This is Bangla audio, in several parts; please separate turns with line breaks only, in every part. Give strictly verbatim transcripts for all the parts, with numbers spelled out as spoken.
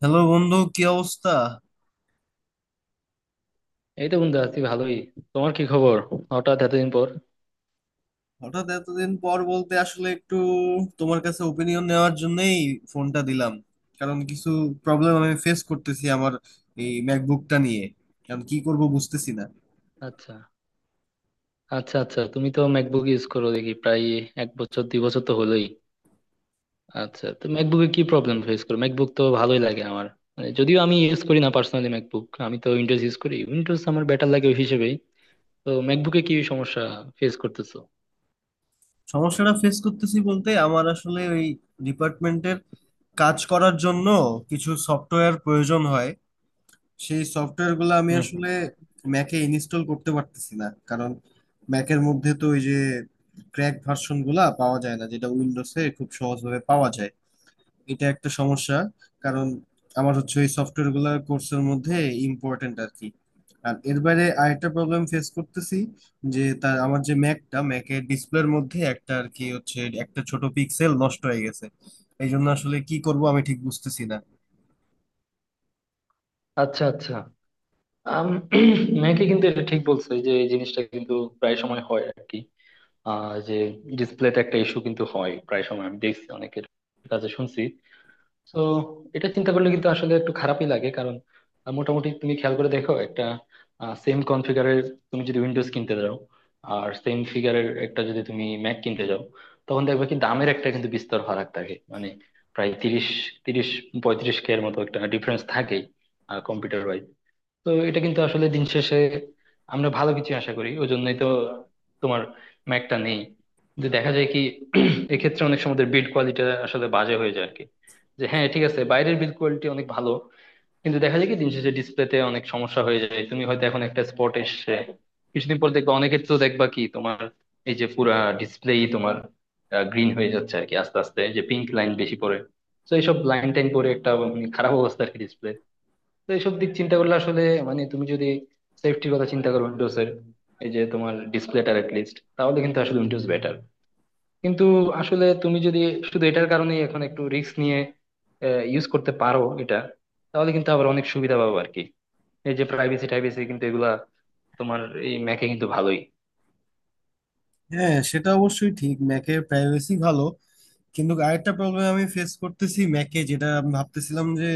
হ্যালো বন্ধু, কি অবস্থা?
এই তো বন্ধু আছি ভালোই। তোমার কি খবর? হঠাৎ এতদিন পর।
হঠাৎ এতদিন পর বলতে আসলে একটু তোমার কাছে ওপিনিয়ন নেওয়ার জন্যই ফোনটা দিলাম। কারণ কিছু প্রবলেম আমি ফেস করতেছি আমার এই ম্যাকবুকটা নিয়ে, কারণ কি করব বুঝতেছি না।
আচ্ছা। আচ্ছা আচ্ছা, তুমি তো ম্যাকবুক ইউজ করো দেখি প্রায় এক বছর দুই বছর তো হলোই। আচ্ছা, তো ম্যাকবুকে কি প্রবলেম ফেস করো? ম্যাকবুক তো ভালোই লাগে আমার, মানে যদিও আমি ইউজ করি না পার্সোনালি ম্যাকবুক, আমি তো উইন্ডোজ ইউজ করি, উইন্ডোজ আমার বেটার লাগে ওই হিসেবেই। তো ম্যাকবুকে কি সমস্যা ফেস করতেছো?
সমস্যাটা ফেস করতেছি বলতে আমার আসলে ওই ডিপার্টমেন্টের কাজ করার জন্য কিছু সফটওয়্যার প্রয়োজন হয়। সেই সফটওয়্যার গুলো আমি
হুম হুম।
আসলে ম্যাকে ইনস্টল করতে পারতেছি না, কারণ ম্যাকের মধ্যে তো ওই যে ক্র্যাক ভার্সন গুলা পাওয়া যায় না, যেটা উইন্ডোজে খুব সহজভাবে পাওয়া যায়। এটা একটা সমস্যা। কারণ আমার হচ্ছে ওই সফটওয়্যার গুলা কোর্সের মধ্যে ইম্পর্টেন্ট আর কি। আর এর বাইরে আরেকটা প্রবলেম ফেস করতেছি, যে তার আমার যে ম্যাকটা ম্যাকের ডিসপ্লের মধ্যে একটা আর কি হচ্ছে একটা ছোট পিক্সেল নষ্ট হয়ে গেছে। এই জন্য আসলে কি করব আমি ঠিক বুঝতেছি না।
আচ্ছা আচ্ছা। আম, ম্যাকে কিন্তু এটা ঠিক বলছো, এই যে এই জিনিসটা কিন্তু প্রায় সময় হয় আর কি। আহ যে ডিসপ্লেতে একটা ইস্যু কিন্তু হয় প্রায় সময়, আমি দেখছি অনেকের কাছে শুনছি। তো এটা চিন্তা করলে কিন্তু আসলে একটু খারাপই লাগে, কারণ আহ, মোটামুটি তুমি খেয়াল করে দেখো একটা সেম কনফিগারের, তুমি যদি উইন্ডোজ কিনতে যাও আর সেম ফিগারের একটা যদি তুমি ম্যাক কিনতে যাও, তখন দেখবে কি দামের একটা কিন্তু বিস্তর ফারাক থাকে, মানে প্রায় তিরিশ তিরিশ পঁয়ত্রিশ কে এর মতো একটা ডিফারেন্স থাকেই কম্পিউটার ওয়াইজ। তো এটা কিন্তু আসলে দিন শেষে আমরা ভালো কিছু আশা করি ওই জন্যই তো তোমার ম্যাকটা নেই, যে দেখা যায় কি এক্ষেত্রে অনেক সময় বিল্ড কোয়ালিটি আসলে বাজে হয়ে যায় আর কি। যে হ্যাঁ ঠিক আছে, বাইরের বিল্ড কোয়ালিটি অনেক ভালো, কিন্তু দেখা যায় কি দিন শেষে ডিসপ্লেতে অনেক সমস্যা হয়ে যায়, তুমি হয়তো এখন একটা স্পট এসছে, কিছুদিন পর দেখবা, অনেকের তো দেখবা কি তোমার এই যে পুরা ডিসপ্লেই তোমার গ্রিন হয়ে যাচ্ছে আর কি আস্তে আস্তে, যে পিঙ্ক লাইন বেশি পড়ে। তো এইসব লাইন টাইন পরে একটা মানে খারাপ অবস্থা আর কি ডিসপ্লে। তো এইসব দিক চিন্তা করলে আসলে মানে তুমি যদি সেফটির কথা চিন্তা করো উইন্ডোজ এর এই যে তোমার ডিসপ্লেটার লিস্ট, তাহলে কিন্তু আসলে উইন্ডোজ বেটার। কিন্তু আসলে তুমি যদি শুধু এটার কারণেই এখন একটু রিস্ক নিয়ে ইউজ করতে পারো এটা, তাহলে কিন্তু আবার অনেক সুবিধা পাবো আর কি, এই যে প্রাইভেসি টাইভেসি কিন্তু এগুলা তোমার এই ম্যাকে কিন্তু ভালোই।
হ্যাঁ, সেটা অবশ্যই ঠিক, ম্যাকের প্রাইভেসি ভালো। কিন্তু আরেকটা প্রবলেম আমি ফেস করতেছি ম্যাকে, যেটা আমি ভাবতেছিলাম যে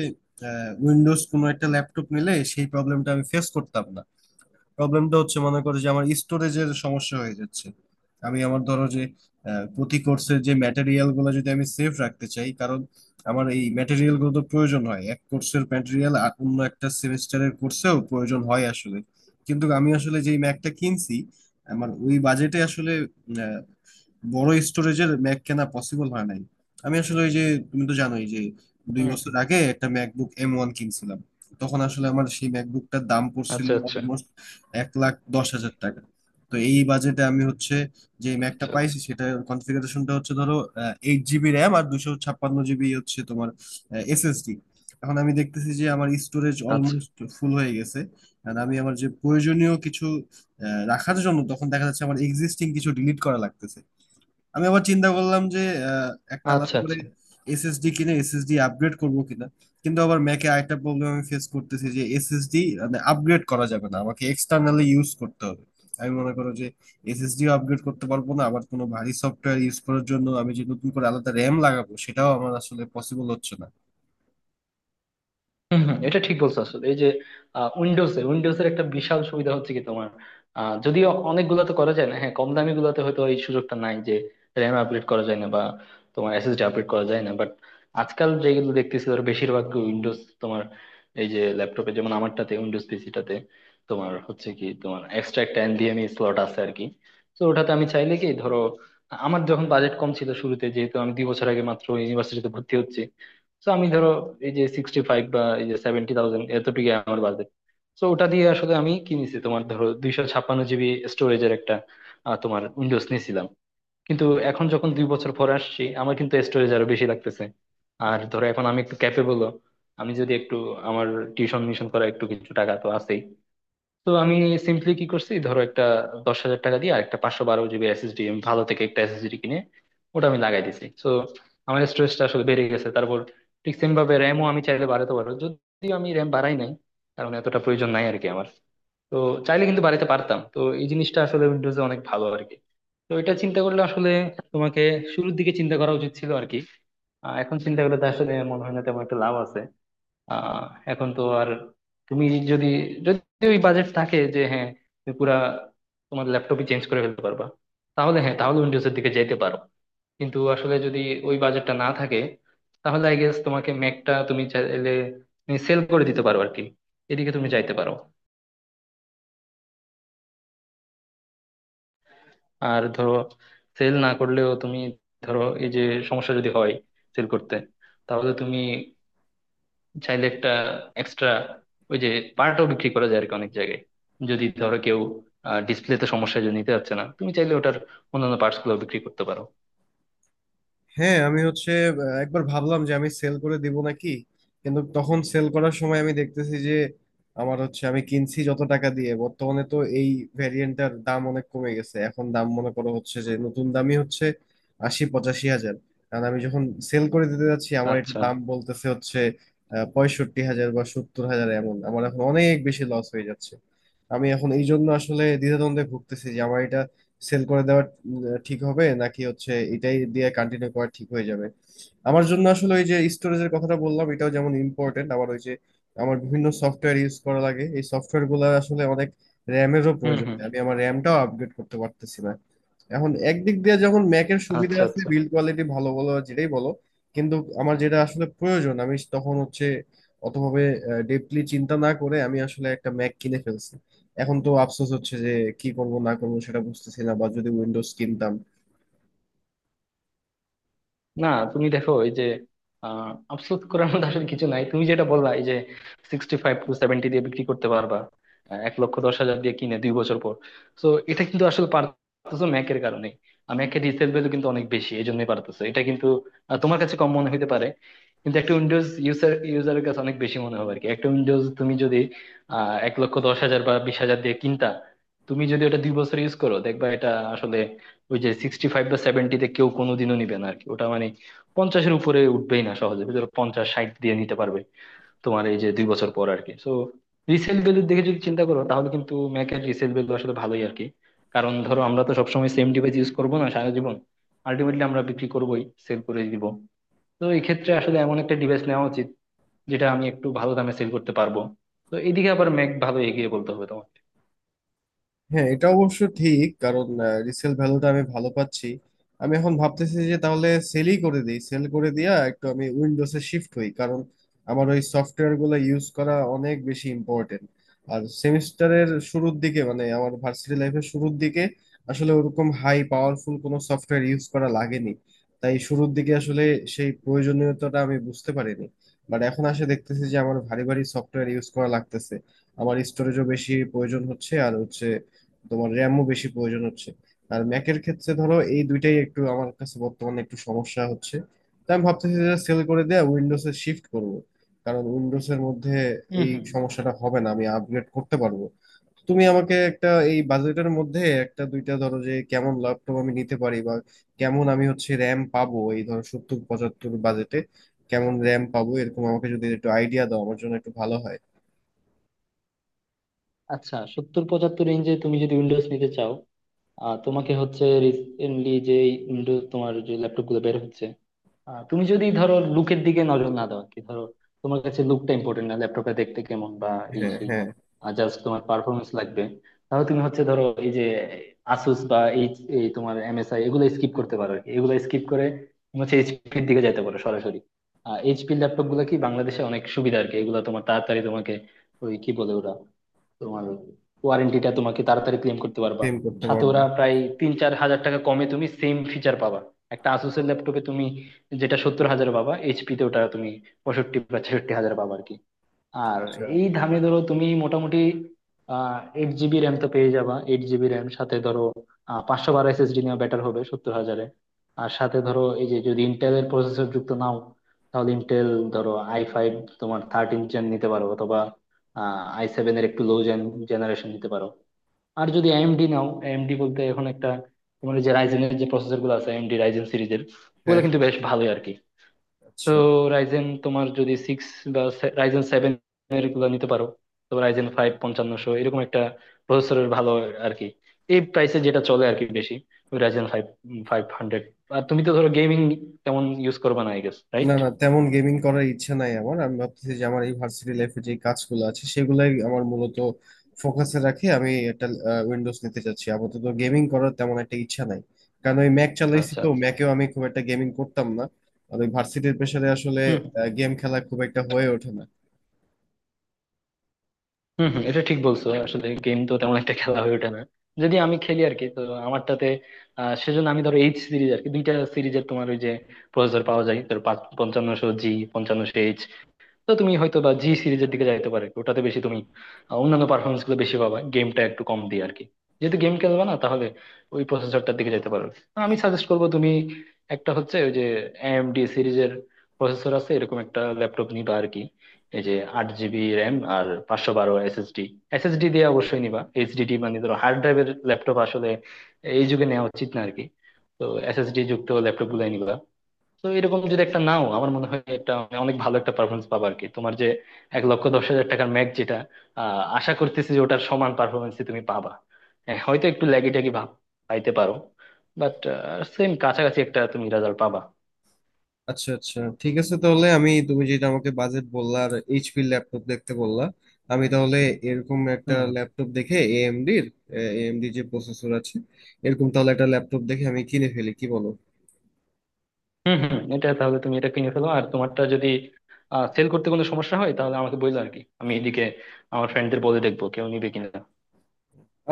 উইন্ডোজ কোনো একটা ল্যাপটপ নিলে সেই প্রবলেমটা আমি ফেস করতাম না। প্রবলেমটা হচ্ছে, মনে করো যে আমার স্টোরেজের সমস্যা হয়ে যাচ্ছে। আমি আমার ধরো যে আহ, প্রতি কোর্সের যে ম্যাটেরিয়াল গুলো যদি আমি সেভ রাখতে চাই, কারণ আমার এই ম্যাটেরিয়াল গুলো তো প্রয়োজন হয়। এক কোর্সের ম্যাটেরিয়াল অন্য একটা সেমিস্টারের কোর্সেও প্রয়োজন হয় আসলে। কিন্তু আমি আসলে যেই ম্যাকটা কিনছি, আমার ওই বাজেটে আসলে বড় স্টোরেজের ম্যাক কেনা পসিবল হয় নাই। আমি আসলে ওই যে তুমি তো জানোই যে দুই
হুম
বছর
হুম।
আগে একটা ম্যাকবুক এম ওয়ান কিনছিলাম। তখন আসলে আমার সেই ম্যাকবুকটার দাম পড়ছিল
আচ্ছা আচ্ছা।
অলমোস্ট এক লাখ দশ হাজার টাকা। তো এই বাজেটে আমি হচ্ছে যে ম্যাকটা
আচ্ছা আচ্ছা।
পাইছি সেটা কনফিগারেশনটা হচ্ছে ধরো এইট জিবি র্যাম আর দুশো ছাপ্পান্ন জিবি হচ্ছে তোমার এসএসডি। এখন আমি দেখতেছি যে আমার স্টোরেজ
আচ্ছা
অলমোস্ট ফুল হয়ে গেছে। আর আমি আমার যে প্রয়োজনীয় কিছু আহ, রাখার জন্য, তখন দেখা যাচ্ছে আমার এক্সিস্টিং কিছু ডিলিট করা লাগতেছে। আমি আবার চিন্তা করলাম যে আহ, একটা আলাদা
আচ্ছা।
করে
আচ্ছা।
এসএসডি কিনে এসএসডি আপগ্রেড করব কিনা। কিন্তু আবার ম্যাকে আরেকটা প্রবলেম আমি ফেস করতেছি যে এসএসডি মানে আপগ্রেড করা যাবে না, আমাকে এক্সটার্নালি ইউজ করতে হবে। আমি মনে করো যে এসএসডিও আপগ্রেড করতে পারবো না, আবার কোনো ভারী সফটওয়্যার ইউজ করার জন্য আমি যে নতুন করে আলাদা র্যাম লাগাবো সেটাও আমার আসলে পসিবল হচ্ছে না।
হম হম, এটা ঠিক বলছো আসলে, এই যে উইন্ডোজে উইন্ডোজের একটা বিশাল সুবিধা হচ্ছে কি তোমার, আহ, যদিও অনেকগুলোতে করা যায় না, হ্যাঁ কম দামি গুলোতে হয়তো এই সুযোগটা নাই যে র্যাম আপগ্রেড করা যায় না বা তোমার এসএসডি আপগ্রেড করা যায় না, বাট আজকাল যেগুলো দেখতেছি ধর বেশিরভাগ উইন্ডোজ, তোমার এই যে ল্যাপটপে যেমন আমারটাতে উইন্ডোজ পিসিটাতে তোমার হচ্ছে কি তোমার এক্সট্রা একটা এনভিএমই স্লট আছে আর কি। তো ওটাতে আমি চাইলে কি ধরো আমার যখন বাজেট কম ছিল শুরুতে, যেহেতু আমি দুই বছর আগে মাত্র ইউনিভার্সিটিতে ভর্তি হচ্ছি, তো আমি ধরো এই যে সিক্সটি ফাইভ বা এই যে সেভেন্টি থাউজেন্ড এতটুকু আমার বাজেট, তো ওটা দিয়ে আসলে আমি কিনেছি তোমার ধরো দুইশো ছাপ্পান্ন জিবি স্টোরেজের একটা আহ, তোমার উইন্ডোজ নিয়েছিলাম। কিন্তু এখন যখন দুই বছর পরে আসছি আমার কিন্তু স্টোরেজ আরো বেশি লাগতেছে। আর ধরো এখন আমি একটু ক্যাপেবল, আমি যদি একটু আমার টিউশন মিশন করা একটু কিছু টাকা তো আছেই, তো আমি সিম্পলি কি করছি ধরো একটা দশ হাজার টাকা দিয়ে আর একটা পাঁচশো বারো জিবি এসএসডি আমি ভালো থেকে একটা এসএসডি কিনে ওটা আমি লাগাই দিছি, তো আমার স্টোরেজটা আসলে বেড়ে গেছে। তারপর ঠিক সেম ভাবে র্যামও আমি চাইলে বাড়াতে পারবো, যদি আমি র্যাম বাড়াই নাই কারণ এতটা প্রয়োজন নাই আর কি আমার, তো চাইলে কিন্তু বাড়াতে পারতাম। তো এই জিনিসটা আসলে উইন্ডোজে অনেক ভালো আর কি। তো এটা চিন্তা করলে আসলে তোমাকে শুরুর দিকে চিন্তা করা উচিত ছিল আর কি। আহ, এখন চিন্তা করলে তো আসলে মনে হয় না তেমন একটা লাভ আছে। আহ এখন তো আর তুমি যদি যদি ওই বাজেট থাকে যে হ্যাঁ তুমি পুরা তোমার ল্যাপটপই চেঞ্জ করে ফেলতে পারবা, তাহলে হ্যাঁ, তাহলে উইন্ডোজের দিকে যেতে পারো। কিন্তু আসলে যদি ওই বাজেটটা না থাকে, তাহলে আই গেস তোমাকে ম্যাকটা তুমি চাইলে সেল করে দিতে পারো আর কি, এদিকে তুমি যাইতে পারো। আর ধরো সেল না করলেও তুমি ধরো এই যে সমস্যা যদি হয় সেল করতে, তাহলে তুমি চাইলে একটা এক্সট্রা ওই যে পার্টও বিক্রি করা যায় আর কি অনেক জায়গায়। যদি ধরো কেউ ডিসপ্লেতে সমস্যায় জন্য নিতে পারছে না, তুমি চাইলে ওটার অন্যান্য পার্টস গুলো বিক্রি করতে পারো।
হ্যাঁ, আমি হচ্ছে আহ, একবার ভাবলাম যে আমি সেল করে দিব নাকি। কিন্তু তখন সেল করার সময় আমি দেখতেছি যে আমার হচ্ছে আমি কিনছি যত টাকা দিয়ে বর্তমানে তো এই ভ্যারিয়েন্টটার দাম অনেক কমে গেছে। এখন দাম মনে করো হচ্ছে যে নতুন দামই হচ্ছে আশি পঁচাশি হাজার। কারণ আমি যখন সেল করে দিতে যাচ্ছি, আমার একটু
আচ্ছা।
দাম বলতেছে হচ্ছে আহ, পঁয়ষট্টি হাজার বা সত্তর হাজার এমন। আমার এখন অনেক বেশি লস হয়ে যাচ্ছে। আমি এখন এই জন্য আসলে দ্বিধাদ্বন্দ্বে ভুগতেছি যে আমার এটা উম, ঠিক হবে নাকি হচ্ছে এটাই দিয়ে কন্টিনিউ করা ঠিক হয়ে যাবে। আমার জন্য আসলে ওই যে স্টোরেজের কথাটা বললাম, এটাও যেমন ইম্পর্টেন্ট, আবার ওই যে আমার বিভিন্ন সফটওয়্যার ইউজ করা লাগে। এই সফটওয়্যার গুলো আসলে অনেক র্যামেরও
হুম
প্রয়োজন,
হুম।
আমি আমার র্যামটাও আপগ্রেড করতে পারতেছি না। এখন একদিক দিয়ে যখন ম্যাকের সুবিধা
আচ্ছা
আছে,
আচ্ছা।
বিল্ড কোয়ালিটি ভালো বলো আর যেটাই বলো, কিন্তু আমার যেটা আসলে প্রয়োজন আমি তখন হচ্ছে অতভাবে ডেপলি চিন্তা না করে আমি আসলে একটা ম্যাক কিনে ফেলছি। এখন তো আফসোস হচ্ছে যে কি করব না করব সেটা বুঝতেছি না, বা যদি উইন্ডোজ কিনতাম।
না তুমি দেখো এই যে আহ আফসোস করার মধ্যে আসলে কিছু নাই, তুমি যেটা বললা এই যে সিক্সটি ফাইভ টু সেভেন্টি দিয়ে বিক্রি করতে পারবা, আহ, এক লক্ষ দশ হাজার দিয়ে কিনে দুই বছর পর, তো এটা কিন্তু আসলে পারতেছো ম্যাকের কারণে, ম্যাকের রিসেল ভ্যালু কিন্তু অনেক বেশি এই জন্যই পারতেছো এটা কিন্তু। আহ, তোমার কাছে কম মনে হতে পারে, কিন্তু একটা উইন্ডোজ ইউজার ইউজারের কাছে অনেক বেশি মনে হবে আর কি, একটা উইন্ডোজ তুমি যদি আহ এক লক্ষ দশ হাজার বা বিশ হাজার দিয়ে কিনতা, তুমি যদি ওটা দুই বছর ইউজ করো দেখবা এটা আসলে ওই যে সিক্সটি ফাইভ বা সেভেন্টিতে কেউ কোনোদিনও নিবে না আরকি, ওটা মানে পঞ্চাশের উপরে উঠবেই না সহজে, ধরো পঞ্চাশ ষাট দিয়ে নিতে পারবে তোমার এই যে দুই বছর পর আরকি। সো রিসেল ভ্যালুর দিকে যদি চিন্তা করো তাহলে কিন্তু ম্যাকের রিসেল ভ্যালু আসলে ভালোই আরকি। কারণ ধরো আমরা তো সবসময় সেম ডিভাইস ইউজ করবো না সারা জীবন, আলটিমেটলি আমরা বিক্রি করবোই, সেল করে দিব। তো এই ক্ষেত্রে আসলে এমন একটা ডিভাইস নেওয়া উচিত যেটা আমি একটু ভালো দামে সেল করতে পারবো। তো এদিকে আবার ম্যাক ভালো এগিয়ে বলতে হবে তোমার।
হ্যাঁ, এটা অবশ্য ঠিক, কারণ রিসেল ভ্যালুটা আমি ভালো পাচ্ছি। আমি এখন ভাবতেছি যে তাহলে সেলই করে দিই, সেল করে দিয়া একটু আমি উইন্ডোজে শিফট হই, কারণ আমার ওই সফটওয়্যার গুলো ইউজ করা অনেক বেশি ইম্পর্টেন্ট। আর সেমিস্টারের শুরুর দিকে মানে আমার ভার্সিটি লাইফের শুরুর দিকে আসলে ওরকম হাই পাওয়ারফুল কোনো সফটওয়্যার ইউজ করা লাগেনি। তাই শুরুর দিকে আসলে সেই প্রয়োজনীয়তাটা আমি বুঝতে পারিনি। বাট এখন আসে দেখতেছি যে আমার ভারী ভারী সফটওয়্যার ইউজ করা লাগতেছে, আমার স্টোরেজও বেশি প্রয়োজন হচ্ছে আর হচ্ছে তোমার র্যামও বেশি প্রয়োজন হচ্ছে। আর ম্যাকের ক্ষেত্রে ধরো এই দুইটাই একটু আমার কাছে বর্তমানে একটু সমস্যা হচ্ছে। তাই আমি ভাবতেছি যে সেল করে দেয়া উইন্ডোজে শিফট করব, কারণ উইন্ডোজের মধ্যে
হুম
এই
হুম।
সমস্যাটা হবে না, আমি আপগ্রেড করতে পারবো। তুমি আমাকে একটা এই বাজেটের মধ্যে একটা দুইটা ধরো যে কেমন ল্যাপটপ আমি নিতে পারি বা কেমন আমি হচ্ছে র্যাম পাবো এই ধরো সত্তর পঁচাত্তর বাজেটে কেমন র্যাম পাবো, এরকম আমাকে যদি একটু আইডিয়া দাও আমার জন্য একটু ভালো হয়।
আচ্ছা, সত্তর পঁচাত্তর রেঞ্জে তুমি যদি উইন্ডোজ নিতে চাও, আহ তোমাকে হচ্ছে রিসেন্টলি যে উইন্ডোজ তোমার যে ল্যাপটপ গুলো বের হচ্ছে, আহ, তুমি যদি ধরো লুকের দিকে নজর না দাও আর কি, ধরো তোমার কাছে লুকটা ইম্পর্টেন্ট না, ল্যাপটপটা দেখতে কেমন বা এই
হ্যাঁ
সেই,
হ্যাঁ।
জাস্ট তোমার পারফরমেন্স লাগবে, তাহলে তুমি হচ্ছে ধরো এই যে আসুস বা এই এই তোমার এমএসআই এগুলো স্কিপ করতে পারো আর কি। এগুলো স্কিপ করে তুমি হচ্ছে এইচপির দিকে যেতে পারো সরাসরি। এইচপির ল্যাপটপ গুলো কি বাংলাদেশে অনেক সুবিধা আর কি, এগুলো তোমার তাড়াতাড়ি তোমাকে ওই কি বলে ওরা, তোমার ওয়ারেন্টিটা তোমাকে তাড়াতাড়ি ক্লেম করতে পারবা।
সেম করতে
সাথে
পারবো।
ওরা প্রায় তিন চার হাজার টাকা কমে তুমি সেম ফিচার পাবা। একটা আসুসের ল্যাপটপে তুমি যেটা সত্তর হাজার পাবা, এইচপি তে ওটা তুমি পঁয়ষট্টি বা ছেষট্টি হাজার পাবা আর কি। আর
আচ্ছা।
এই দামে ধরো তুমি মোটামুটি আহ এইট জিবি র্যাম তো পেয়ে যাবা, এইট জিবি র্যাম সাথে ধরো আহ পাঁচশো বারো এসএসডি নেওয়া বেটার হবে সত্তর হাজারে। আর সাথে ধরো এই যে যদি ইন্টেলের প্রসেসর যুক্ত নাও, তাহলে ইন্টেল ধরো আই ফাইভ তোমার থার্টিন জেন নিতে পারো, অথবা আই সেভেন এর একটু লো জেন জেনারেশন নিতে পারো। আর যদি এএমডি নাও, এএমডি বলতে এখন একটা তোমার এই যে রাইজেন এর যে প্রসেসর গুলো আছে, এএমডি রাইজেন সিরিজের ওগুলো
হ্যাঁ
কিন্তু
হ্যাঁ।
বেশ ভালোই আর কি। তো
আচ্ছা।
রাইজেন তোমার যদি সিক্স বা সে- রাইজেন সেভেন এর গুলো নিতে পারো। তো রাইজেন ফাইভ পঞ্চান্নশো এরকম একটা প্রসেসরের ভালো আর কি এই প্রাইসে যেটা চলে আর কি বেশি, ওই রাইজেন ফাইভ ফাইভ হান্ড্রেড। আর তুমি তো ধরো গেমিং তেমন ইউজ করবে না আই গেস,
না
রাইট?
না, তেমন গেমিং করার ইচ্ছা নাই আমার। আমি ভাবতেছি যে আমার এই ভার্সিটি লাইফে যে কাজগুলো আছে সেগুলাই আমার মূলত ফোকাসে রাখে, আমি একটা উইন্ডোজ নিতে চাচ্ছি আপাতত, গেমিং করার তেমন একটা ইচ্ছা নাই। কারণ ওই ম্যাক চালাইছি
আচ্ছা
তো
আচ্ছা।
ম্যাকেও আমি খুব একটা গেমিং করতাম না। আর ওই ভার্সিটির প্রেসারে আসলে
হুম
গেম খেলা খুব একটা হয়ে ওঠে না।
হুম হুম, এটা ঠিক বলছো আসলে গেম তো তেমন একটা খেলা হয়ে ওঠে না যদি আমি খেলি আর কি, তো আমারটাতে আহ, সেজন্য আমি ধরো এইচ সিরিজ আর কি দুইটা সিরিজের তোমার ওই যে প্রসেসর পাওয়া যায় ধরো পঞ্চান্নশো জি পঞ্চান্নশো এইচ, তো তুমি হয়তো বা জি সিরিজের দিকে যাইতে পারো একটু। ওটাতে বেশি তুমি আহ, অন্যান্য পারফরমেন্স গুলো বেশি পাবা গেমটা একটু কম দিয়ে আর কি। যেহেতু গেম খেলবা না, তাহলে ওই প্রসেসরটার দিকে যাইতে পারো। আমি সাজেস্ট করবো তুমি একটা হচ্ছে ওই যে এএমডি সিরিজের প্রসেসর আছে এরকম একটা ল্যাপটপ নিবা আর কি, এই যে আট জিবি র্যাম আর পাঁচশো বারো এসএসডি। এসএসডি দিয়ে অবশ্যই নিবা, এইচডিডি মানে ধরো হার্ড ড্রাইভের ল্যাপটপ আসলে এই যুগে নেওয়া উচিত না আর কি, তো এসএসডি যুক্ত ল্যাপটপ গুলাই নিবা। তো এরকম যদি একটা নাও আমার মনে হয় একটা অনেক ভালো একটা পারফরমেন্স পাবো আর কি। তোমার যে এক লক্ষ দশ হাজার টাকার ম্যাচ যেটা, আহ আশা করতেছি যে ওটার সমান পারফরমেন্সই তুমি পাবা। হ্যাঁ হয়তো একটু ল্যাগি ট্যাগি ভাব পাইতে পারো, বাট সেম কাছাকাছি একটা তুমি রেজাল্ট পাবা।
আচ্ছা আচ্ছা, ঠিক আছে, তাহলে আমি তুমি যেটা আমাকে বাজেট বললা আর এইচপি ল্যাপটপ দেখতে বললা, আমি তাহলে এরকম একটা
হুম
ল্যাপটপ দেখে এএমডির এএমডি যে প্রসেসর আছে এরকম তাহলে একটা ল্যাপটপ দেখে আমি কিনে ফেলি, কি বলো?
হুম। হুম হুম, এটা তাহলে তুমি এটা কিনে ফেলো, আর তোমারটা যদি সেল করতে কোনো সমস্যা হয় তাহলে আমাকে বললো আর কি, আমি এদিকে আমার ফ্রেন্ডদের বলে দেখবো কেউ নিবে কিনা।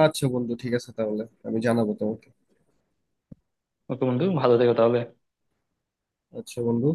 আচ্ছা বন্ধু, ঠিক আছে তাহলে আমি জানাবো তোমাকে।
ওকে বন্ধু, ভালো থেকো তাহলে।
আচ্ছা বন্ধু।